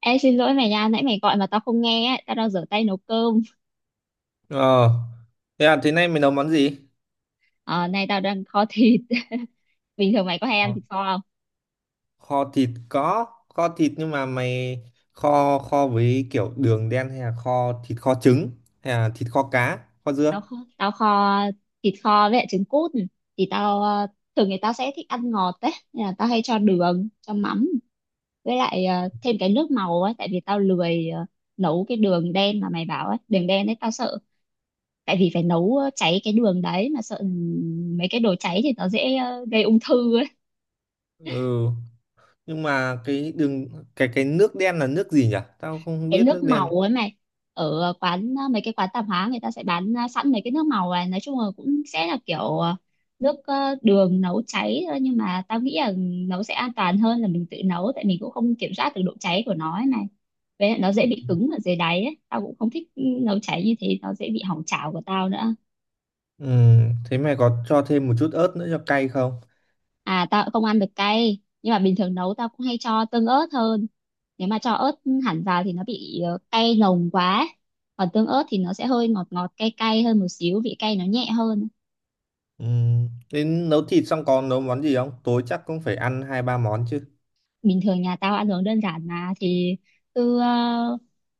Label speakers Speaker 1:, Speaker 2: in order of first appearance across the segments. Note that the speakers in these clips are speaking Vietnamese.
Speaker 1: Ê, xin lỗi mày nha, nãy mày gọi mà tao không nghe á, tao đang rửa tay nấu cơm.
Speaker 2: Ờ, thế à, thế nay mày nấu món gì?
Speaker 1: Ờ, Nay tao đang kho thịt. Bình thường mày có hay ăn
Speaker 2: Ờ,
Speaker 1: thịt kho không?
Speaker 2: kho thịt có, kho thịt nhưng mà mày kho kho với kiểu đường đen hay là kho thịt kho trứng hay là thịt kho cá, kho
Speaker 1: Tao
Speaker 2: dưa?
Speaker 1: kho, tao kho thịt kho với lại trứng cút. Thì tao thường thì tao sẽ thích ăn ngọt đấy, nên là tao hay cho đường, cho mắm với lại thêm cái nước màu ấy, tại vì tao lười nấu cái đường đen mà mày bảo ấy, đường đen đấy tao sợ. Tại vì phải nấu cháy cái đường đấy mà sợ mấy cái đồ cháy thì nó dễ gây ung thư ấy.
Speaker 2: Ừ, nhưng mà cái đường cái nước đen là nước gì nhỉ? Tao không
Speaker 1: Cái
Speaker 2: biết
Speaker 1: nước
Speaker 2: nước
Speaker 1: màu
Speaker 2: đen.
Speaker 1: ấy mày, ở quán, mấy cái quán tạp hóa người ta sẽ bán sẵn mấy cái nước màu này, nói chung là cũng sẽ là kiểu nước, đường nấu cháy thôi, nhưng mà tao nghĩ là nấu sẽ an toàn hơn là mình tự nấu, tại mình cũng không kiểm soát được độ cháy của nó ấy này, với lại nó dễ bị cứng ở dưới đáy ấy, tao cũng không thích, ừ, nấu cháy như thế nó dễ bị hỏng chảo của tao nữa.
Speaker 2: Ừ, thế mày có cho thêm một chút ớt nữa cho cay không?
Speaker 1: À, tao cũng không ăn được cay, nhưng mà bình thường nấu tao cũng hay cho tương ớt hơn. Nếu mà cho ớt hẳn vào thì nó bị cay nồng quá, còn tương ớt thì nó sẽ hơi ngọt ngọt cay cay hơn một xíu, vị cay nó nhẹ hơn.
Speaker 2: Ừ, đến nấu thịt xong còn nấu món gì không? Tối chắc cũng phải ăn hai ba món chứ.
Speaker 1: Bình thường nhà tao ăn uống đơn giản mà, thì cứ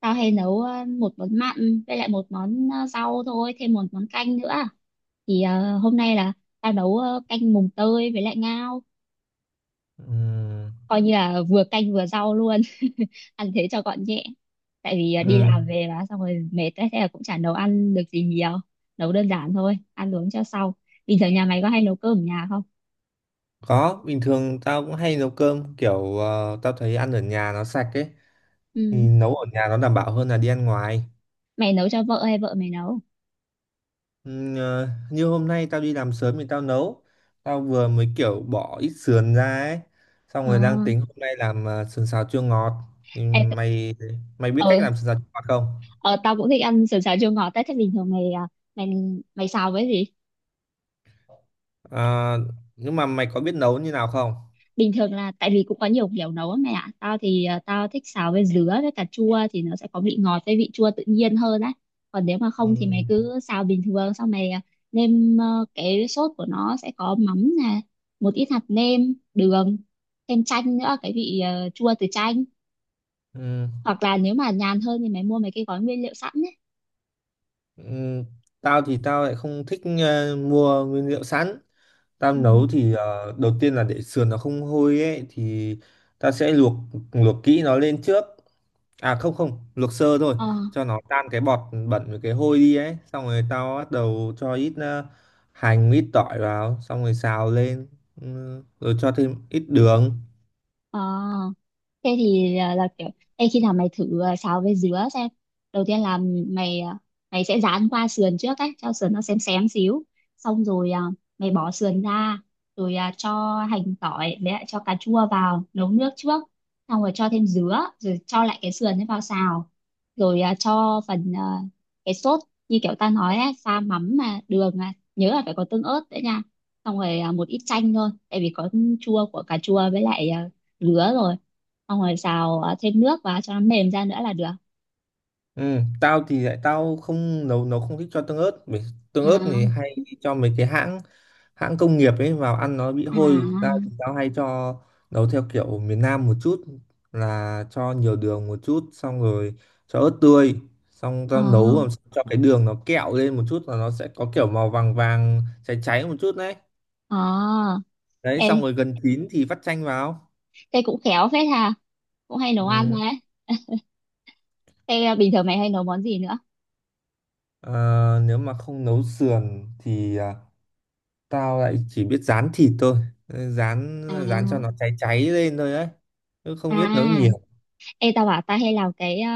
Speaker 1: tao hay nấu một món mặn với lại một món rau thôi, thêm một món canh nữa. Thì hôm nay là tao nấu canh mùng tơi với lại ngao,
Speaker 2: Ừ.
Speaker 1: coi như là vừa canh vừa rau luôn, ăn thế cho gọn nhẹ. Tại vì à,
Speaker 2: Ừ.
Speaker 1: đi làm về là xong rồi mệt ấy, thế là cũng chả nấu ăn được gì nhiều, nấu đơn giản thôi ăn uống cho sau. Bình thường nhà mày có hay nấu cơm ở nhà không?
Speaker 2: Có, bình thường tao cũng hay nấu cơm kiểu tao thấy ăn ở nhà nó sạch ấy, thì
Speaker 1: Ừ.
Speaker 2: nấu ở nhà nó đảm bảo hơn là đi ăn ngoài.
Speaker 1: Mày nấu cho vợ hay vợ mày nấu?
Speaker 2: Ờ, như hôm nay tao đi làm sớm thì tao nấu. Tao vừa mới kiểu bỏ ít sườn ra ấy. Xong
Speaker 1: ờ
Speaker 2: rồi đang tính hôm nay làm sườn xào chua ngọt. Thì
Speaker 1: ê, t-
Speaker 2: mày mày biết
Speaker 1: ờ,
Speaker 2: cách làm sườn xào chua ngọt không?
Speaker 1: ờ, Tao cũng thích ăn sườn xào chua ngọt ấy. Thế bình thường mày à, mày mày xào với gì?
Speaker 2: Ờ, nhưng mà mày có biết nấu như nào không?
Speaker 1: Bình thường là, tại vì cũng có nhiều kiểu nấu á mẹ ạ, tao thì tao thích xào với dứa với cà chua thì nó sẽ có vị ngọt với vị chua tự nhiên hơn á. Còn nếu mà
Speaker 2: Ừ.
Speaker 1: không thì mày cứ xào bình thường, xong mày nêm, cái sốt của nó sẽ có mắm nè, một ít hạt nêm, đường, thêm chanh nữa, cái vị chua từ chanh.
Speaker 2: Ừ.
Speaker 1: Hoặc là nếu mà nhàn hơn thì mày mua mấy cái gói nguyên liệu sẵn ấy.
Speaker 2: Ừm, tao thì tao lại không thích mua nguyên liệu sẵn. Tao
Speaker 1: Ừ.
Speaker 2: nấu thì đầu tiên là để sườn nó không hôi ấy, thì ta sẽ luộc luộc kỹ nó lên trước. À không không, luộc sơ thôi
Speaker 1: ờ
Speaker 2: cho nó tan cái bọt bẩn với cái hôi đi ấy. Xong rồi tao bắt đầu cho ít hành, ít tỏi vào, xong rồi xào lên. Ừ, rồi cho thêm ít đường.
Speaker 1: ờ Thế thì là, là kiểu. Ê, khi nào mày thử à, xào với dứa xem. Đầu tiên là mày à, mày sẽ rán qua sườn trước ấy, cho sườn nó xém xém xíu, xong rồi à, mày bỏ sườn ra, rồi à, cho hành tỏi với lại cho cà chua vào nấu nước trước, xong rồi cho thêm dứa, rồi cho lại cái sườn ấy vào xào, rồi à, cho phần à, cái sốt như kiểu ta nói ấy, pha mắm mà đường, à, nhớ là phải có tương ớt đấy nha, xong rồi à, một ít chanh thôi tại vì có chua của cà chua với lại à, dứa rồi, xong rồi xào thêm nước vào cho nó mềm ra nữa là được.
Speaker 2: Ừ, tao thì lại tao không nấu nấu không thích cho tương ớt, bởi tương ớt thì
Speaker 1: À.
Speaker 2: hay cho mấy cái hãng hãng công nghiệp ấy vào ăn nó bị hôi. Tao
Speaker 1: À.
Speaker 2: thì tao hay cho nấu theo kiểu miền Nam một chút, là cho nhiều đường một chút, xong rồi cho ớt tươi, xong tao nấu
Speaker 1: À.
Speaker 2: làm sao cho cái đường nó kẹo lên một chút là nó sẽ có kiểu màu vàng vàng cháy cháy một chút đấy.
Speaker 1: ờ
Speaker 2: Đấy,
Speaker 1: ê
Speaker 2: xong rồi gần chín thì vắt chanh vào.
Speaker 1: Thế cũng khéo phết ha, cũng hay nấu ăn
Speaker 2: Ừ.
Speaker 1: đấy. Thế bình thường mày hay nấu món gì nữa?
Speaker 2: À, nếu mà không nấu sườn thì tao lại chỉ biết rán thịt thôi. Ừ, rán,
Speaker 1: À.
Speaker 2: rán cho nó cháy cháy lên thôi ấy, chứ không
Speaker 1: À.
Speaker 2: biết nấu nhiều.
Speaker 1: Ê, tao bảo tao hay làm cái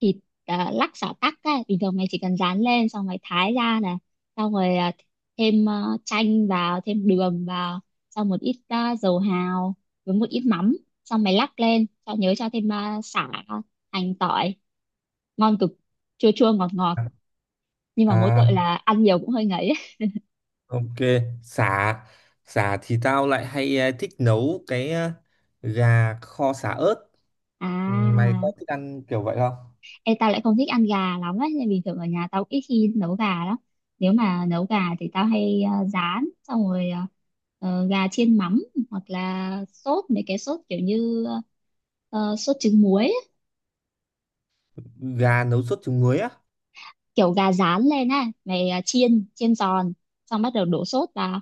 Speaker 1: thịt lắc xả tắc ấy, bình thường mày chỉ cần rán lên xong mày thái ra này, xong rồi thêm chanh vào, thêm đường vào, xong một ít dầu hào, với một ít mắm, xong mày lắc lên cho nhớ, cho thêm sả, hành tỏi, ngon cực, chua chua ngọt ngọt, nhưng mà mỗi tội
Speaker 2: À,
Speaker 1: là ăn nhiều cũng hơi ngấy ấy.
Speaker 2: ok. Sả, sả thì tao lại hay thích nấu cái gà kho sả ớt. Ừ, mày có
Speaker 1: À.
Speaker 2: thích ăn kiểu vậy không?
Speaker 1: Em tao lại không thích ăn gà lắm ấy, nên bình thường ở nhà tao ít khi nấu gà lắm. Nếu mà nấu gà thì tao hay rán, xong rồi gà chiên mắm, hoặc là sốt mấy cái sốt kiểu như sốt trứng muối ấy.
Speaker 2: Gà nấu sốt trứng muối á?
Speaker 1: Kiểu gà rán lên á mày, chiên chiên giòn, xong bắt đầu đổ sốt vào.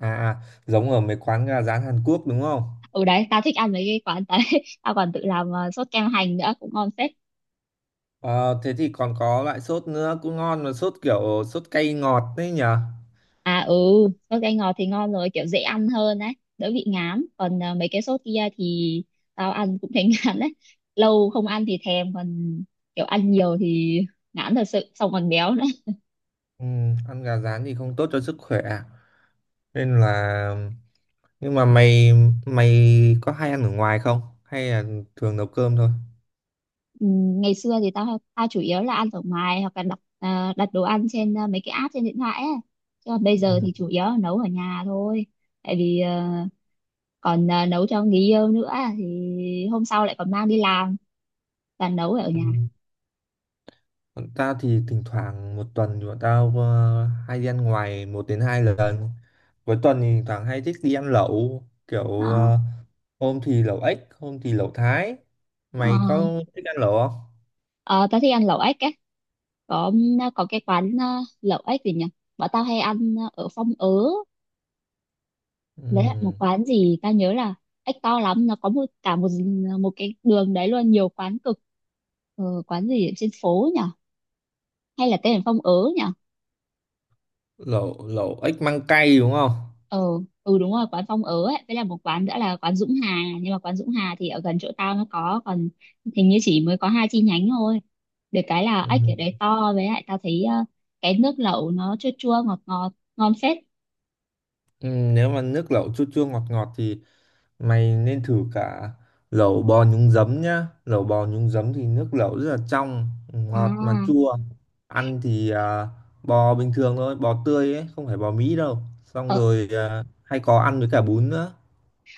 Speaker 2: À à, giống ở mấy quán gà rán Hàn Quốc đúng không?
Speaker 1: Ừ, đấy tao thích ăn mấy cái quán đấy. Tao còn tự làm sốt kem hành nữa cũng ngon phết.
Speaker 2: Ờ, thế thì còn có loại sốt nữa cũng ngon, mà sốt kiểu sốt cay ngọt đấy nhở.
Speaker 1: À ừ, sốt cay ngọt thì ngon rồi, kiểu dễ ăn hơn đấy, đỡ bị ngán. Còn à, mấy cái sốt kia thì tao ăn cũng thấy ngán đấy. Lâu không ăn thì thèm, còn kiểu ăn nhiều thì ngán thật sự, xong còn béo nữa.
Speaker 2: Ừ, ăn gà rán thì không tốt cho sức khỏe à? Nên là, nhưng mà mày mày có hay ăn ở ngoài không hay là thường nấu cơm thôi?
Speaker 1: Ừ, ngày xưa thì tao tao chủ yếu là ăn ở ngoài hoặc là đặt à, đặt đồ ăn trên à, mấy cái app trên điện thoại ấy. Chứ còn bây giờ
Speaker 2: Ừ.
Speaker 1: thì chủ yếu là nấu ở nhà thôi. Tại vì à, còn à, nấu cho người yêu nữa, thì hôm sau lại còn mang đi làm và nấu ở
Speaker 2: Ừ.
Speaker 1: nhà.
Speaker 2: Bọn tao thì thỉnh thoảng một tuần thì bọn tao hay đi ăn ngoài một đến hai lần. Cuối tuần thì thỉnh thoảng hay thích đi ăn lẩu kiểu
Speaker 1: Ờ.
Speaker 2: hôm thì lẩu ếch hôm thì lẩu Thái.
Speaker 1: Ờ.
Speaker 2: Mày có thích ăn lẩu không?
Speaker 1: Ờ, tao thích ăn lẩu ếch á, có, có cái quán, lẩu ếch gì nhỉ, bọn tao hay ăn ở Phong Ớ. Đấy là một
Speaker 2: Ừ.
Speaker 1: quán gì tao nhớ là ếch to lắm, nó có cả một cái đường đấy luôn, nhiều quán cực, quán gì ở trên phố nhỉ, hay là tên là Phong Ớ nhỉ?
Speaker 2: lẩu lẩu ếch măng cay đúng không?
Speaker 1: Ờ, ừ đúng rồi, quán Phong Ớ ấy, với là một quán nữa là quán Dũng Hà, nhưng mà quán Dũng Hà thì ở gần chỗ tao nó có, còn hình như chỉ mới có hai chi nhánh thôi. Được cái là
Speaker 2: Ừ.
Speaker 1: ếch ở đấy to, với lại tao thấy cái nước lẩu nó chua chua ngọt ngọt, ngon phết.
Speaker 2: Ừ, nếu mà nước lẩu chua chua ngọt ngọt thì mày nên thử cả lẩu bò nhúng giấm nhá. Lẩu bò nhúng giấm thì nước lẩu rất là trong,
Speaker 1: À.
Speaker 2: ngọt mà chua. Ăn thì bò bình thường thôi, bò tươi ấy, không phải bò Mỹ đâu, xong
Speaker 1: Ờ.
Speaker 2: rồi hay có ăn với cả bún nữa.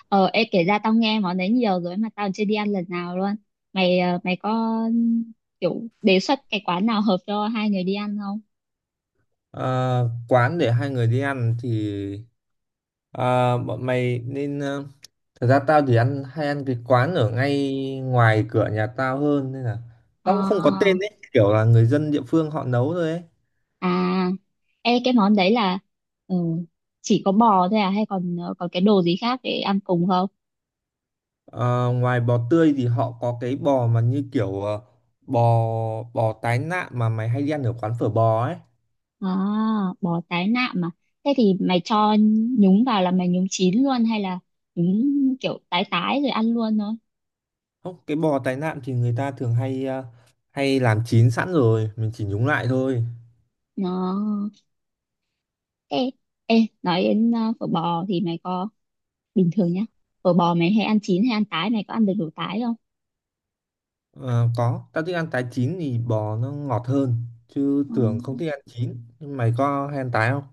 Speaker 1: Kể ra tao nghe món đấy nhiều rồi mà tao chưa đi ăn lần nào luôn. Mày, mày có, kiểu đề xuất cái quán nào hợp cho hai người đi ăn không?
Speaker 2: À, quán để hai người đi ăn thì à, bọn mày nên à, thật ra tao thì ăn hay ăn cái quán ở ngay ngoài cửa nhà tao hơn, nên là tao cũng không có
Speaker 1: À.
Speaker 2: tên ấy, kiểu là người dân địa phương họ nấu thôi ấy.
Speaker 1: À, ê, cái món đấy là, ừ, chỉ có bò thôi à, hay còn còn cái đồ gì khác để ăn cùng không?
Speaker 2: Ờ, ngoài bò tươi thì họ có cái bò mà như kiểu ờ, bò bò tái nạm mà mày hay đi ăn ở quán phở bò ấy.
Speaker 1: À, bò tái nạm mà. Thế thì mày cho nhúng vào là mày nhúng chín luôn, hay là nhúng kiểu tái tái rồi ăn luôn thôi?
Speaker 2: Không, cái bò tái nạm thì người ta thường hay hay làm chín sẵn rồi, mình chỉ nhúng lại thôi.
Speaker 1: Nó, ê, ê, nói đến phở bò thì mày có, bình thường nhá. Phở bò mày hay ăn chín hay ăn tái, mày có ăn được đồ tái không?
Speaker 2: Ờ, có, tao thích ăn tái, chín thì bò nó ngọt hơn, chứ
Speaker 1: Ờ.
Speaker 2: thường không thích ăn chín. Nhưng mày có hay ăn tái không?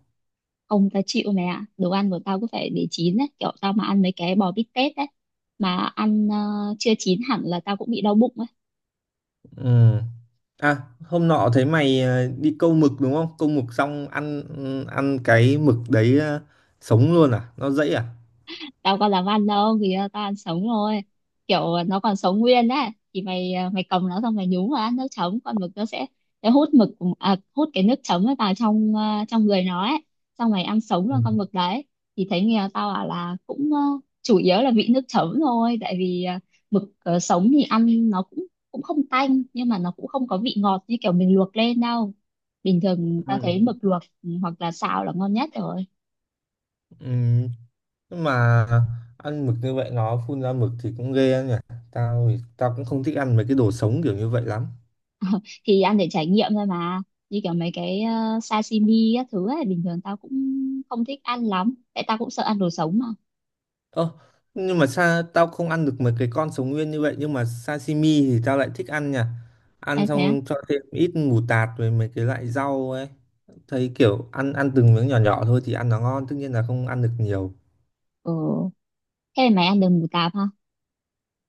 Speaker 1: Ông ta chịu mày ạ, đồ ăn của tao cứ phải để chín đấy, kiểu tao mà ăn mấy cái bò bít tết đấy mà ăn chưa chín hẳn là tao cũng bị đau bụng ấy.
Speaker 2: Ừ. À, hôm nọ thấy mày đi câu mực đúng không? Câu mực xong ăn ăn cái mực đấy sống luôn à? Nó dãy à?
Speaker 1: Tao có làm ăn đâu, thì tao ăn sống thôi, kiểu nó còn sống nguyên đấy, thì mày cầm nó xong mày nhúng vào ăn nước chấm, con mực nó sẽ, nó hút mực, à, hút cái nước chấm ấy vào trong trong người nó ấy, xong mày ăn sống
Speaker 2: Ừ.
Speaker 1: luôn con mực đấy. Thì thấy nghèo tao bảo là cũng chủ yếu là vị nước chấm thôi, tại vì mực, sống thì ăn nó cũng, cũng không tanh nhưng mà nó cũng không có vị ngọt như kiểu mình luộc lên đâu. Bình thường tao
Speaker 2: Ừ.
Speaker 1: thấy mực luộc, ừ, hoặc là xào là ngon nhất rồi.
Speaker 2: Ừ. Nhưng mà ăn mực như vậy nó phun ra mực thì cũng ghê anh nhỉ. Tao thì tao cũng không thích ăn mấy cái đồ sống kiểu như vậy lắm.
Speaker 1: Thì ăn để trải nghiệm thôi mà, như kiểu mấy cái sashimi các thứ ấy bình thường tao cũng không thích ăn lắm, tại tao cũng sợ ăn đồ sống mà.
Speaker 2: Ơ, nhưng mà sao tao không ăn được mấy cái con sống nguyên như vậy, nhưng mà sashimi thì tao lại thích ăn nhỉ. Ăn
Speaker 1: Em thế á?
Speaker 2: xong cho thêm ít mù tạt với mấy cái loại rau ấy, thấy kiểu ăn, ăn từng miếng nhỏ nhỏ thôi thì ăn nó ngon, tất nhiên là không ăn được nhiều.
Speaker 1: Ừ. Thế mày ăn được mù tạt ha.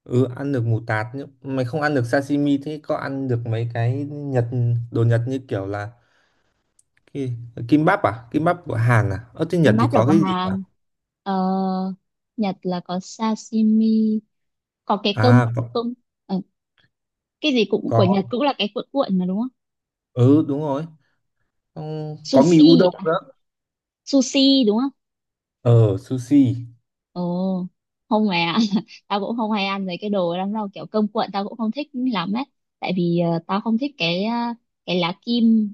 Speaker 2: Ừ, ăn được mù tạt. Nhưng mày không ăn được sashimi, thế có ăn được mấy cái Nhật, đồ Nhật như kiểu là Ki- kim bắp à? Kim bắp của Hàn à? Ở trên Nhật thì
Speaker 1: Kimbap là
Speaker 2: có
Speaker 1: của
Speaker 2: cái gì nhỉ?
Speaker 1: Hàn. ờ, Nhật là có sashimi, có cái cơm,
Speaker 2: À có,
Speaker 1: cơm ờ, cái gì cũng của
Speaker 2: có.
Speaker 1: Nhật cũng là cái cuộn cuộn mà đúng không?
Speaker 2: Ừ đúng rồi. Xong có mì
Speaker 1: Sushi,
Speaker 2: udon
Speaker 1: à,
Speaker 2: nữa.
Speaker 1: sushi đúng.
Speaker 2: Ờ sushi.
Speaker 1: Ồ, không mẹ ạ. Tao cũng không hay ăn mấy cái đồ lắm đâu, kiểu cơm cuộn tao cũng không thích lắm ấy. Tại vì tao không thích cái cái lá kim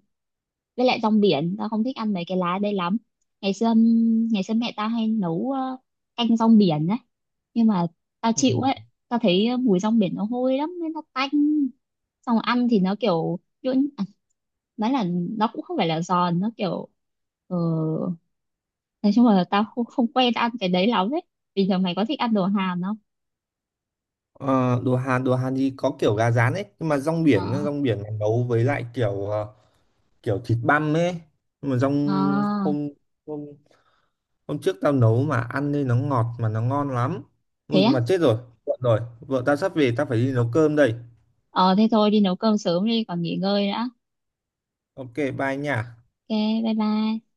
Speaker 1: với lại rong biển, tao không thích ăn mấy cái lá đây lắm. Ngày xưa ngày xưa mẹ tao hay nấu canh rong biển ấy, nhưng mà tao
Speaker 2: Ừ.
Speaker 1: chịu ấy, tao thấy mùi rong biển nó hôi lắm nên nó tanh. Xong rồi ăn thì nó kiểu nhuyễn, à, nói là nó cũng không phải là giòn, nó kiểu ờ, nói chung là tao không, không quen ăn cái đấy lắm ấy. Bình thường mày có thích ăn đồ Hàn không?
Speaker 2: Ờ, đồ Hàn thì có kiểu gà rán ấy, nhưng mà rong
Speaker 1: Ờ.
Speaker 2: biển, nó rong biển này nấu với lại kiểu kiểu thịt băm ấy. Nhưng mà rong,
Speaker 1: Ờ.
Speaker 2: hôm hôm hôm trước tao nấu mà ăn nên nó ngọt mà nó ngon lắm.
Speaker 1: Thế
Speaker 2: Ui
Speaker 1: á.
Speaker 2: mà chết rồi. Muộn rồi. Vợ tao sắp về, tao phải đi nấu cơm đây.
Speaker 1: Ờ, thế thôi đi nấu cơm sớm đi còn nghỉ ngơi nữa.
Speaker 2: Ok, bye nha.
Speaker 1: Ok, bye bye.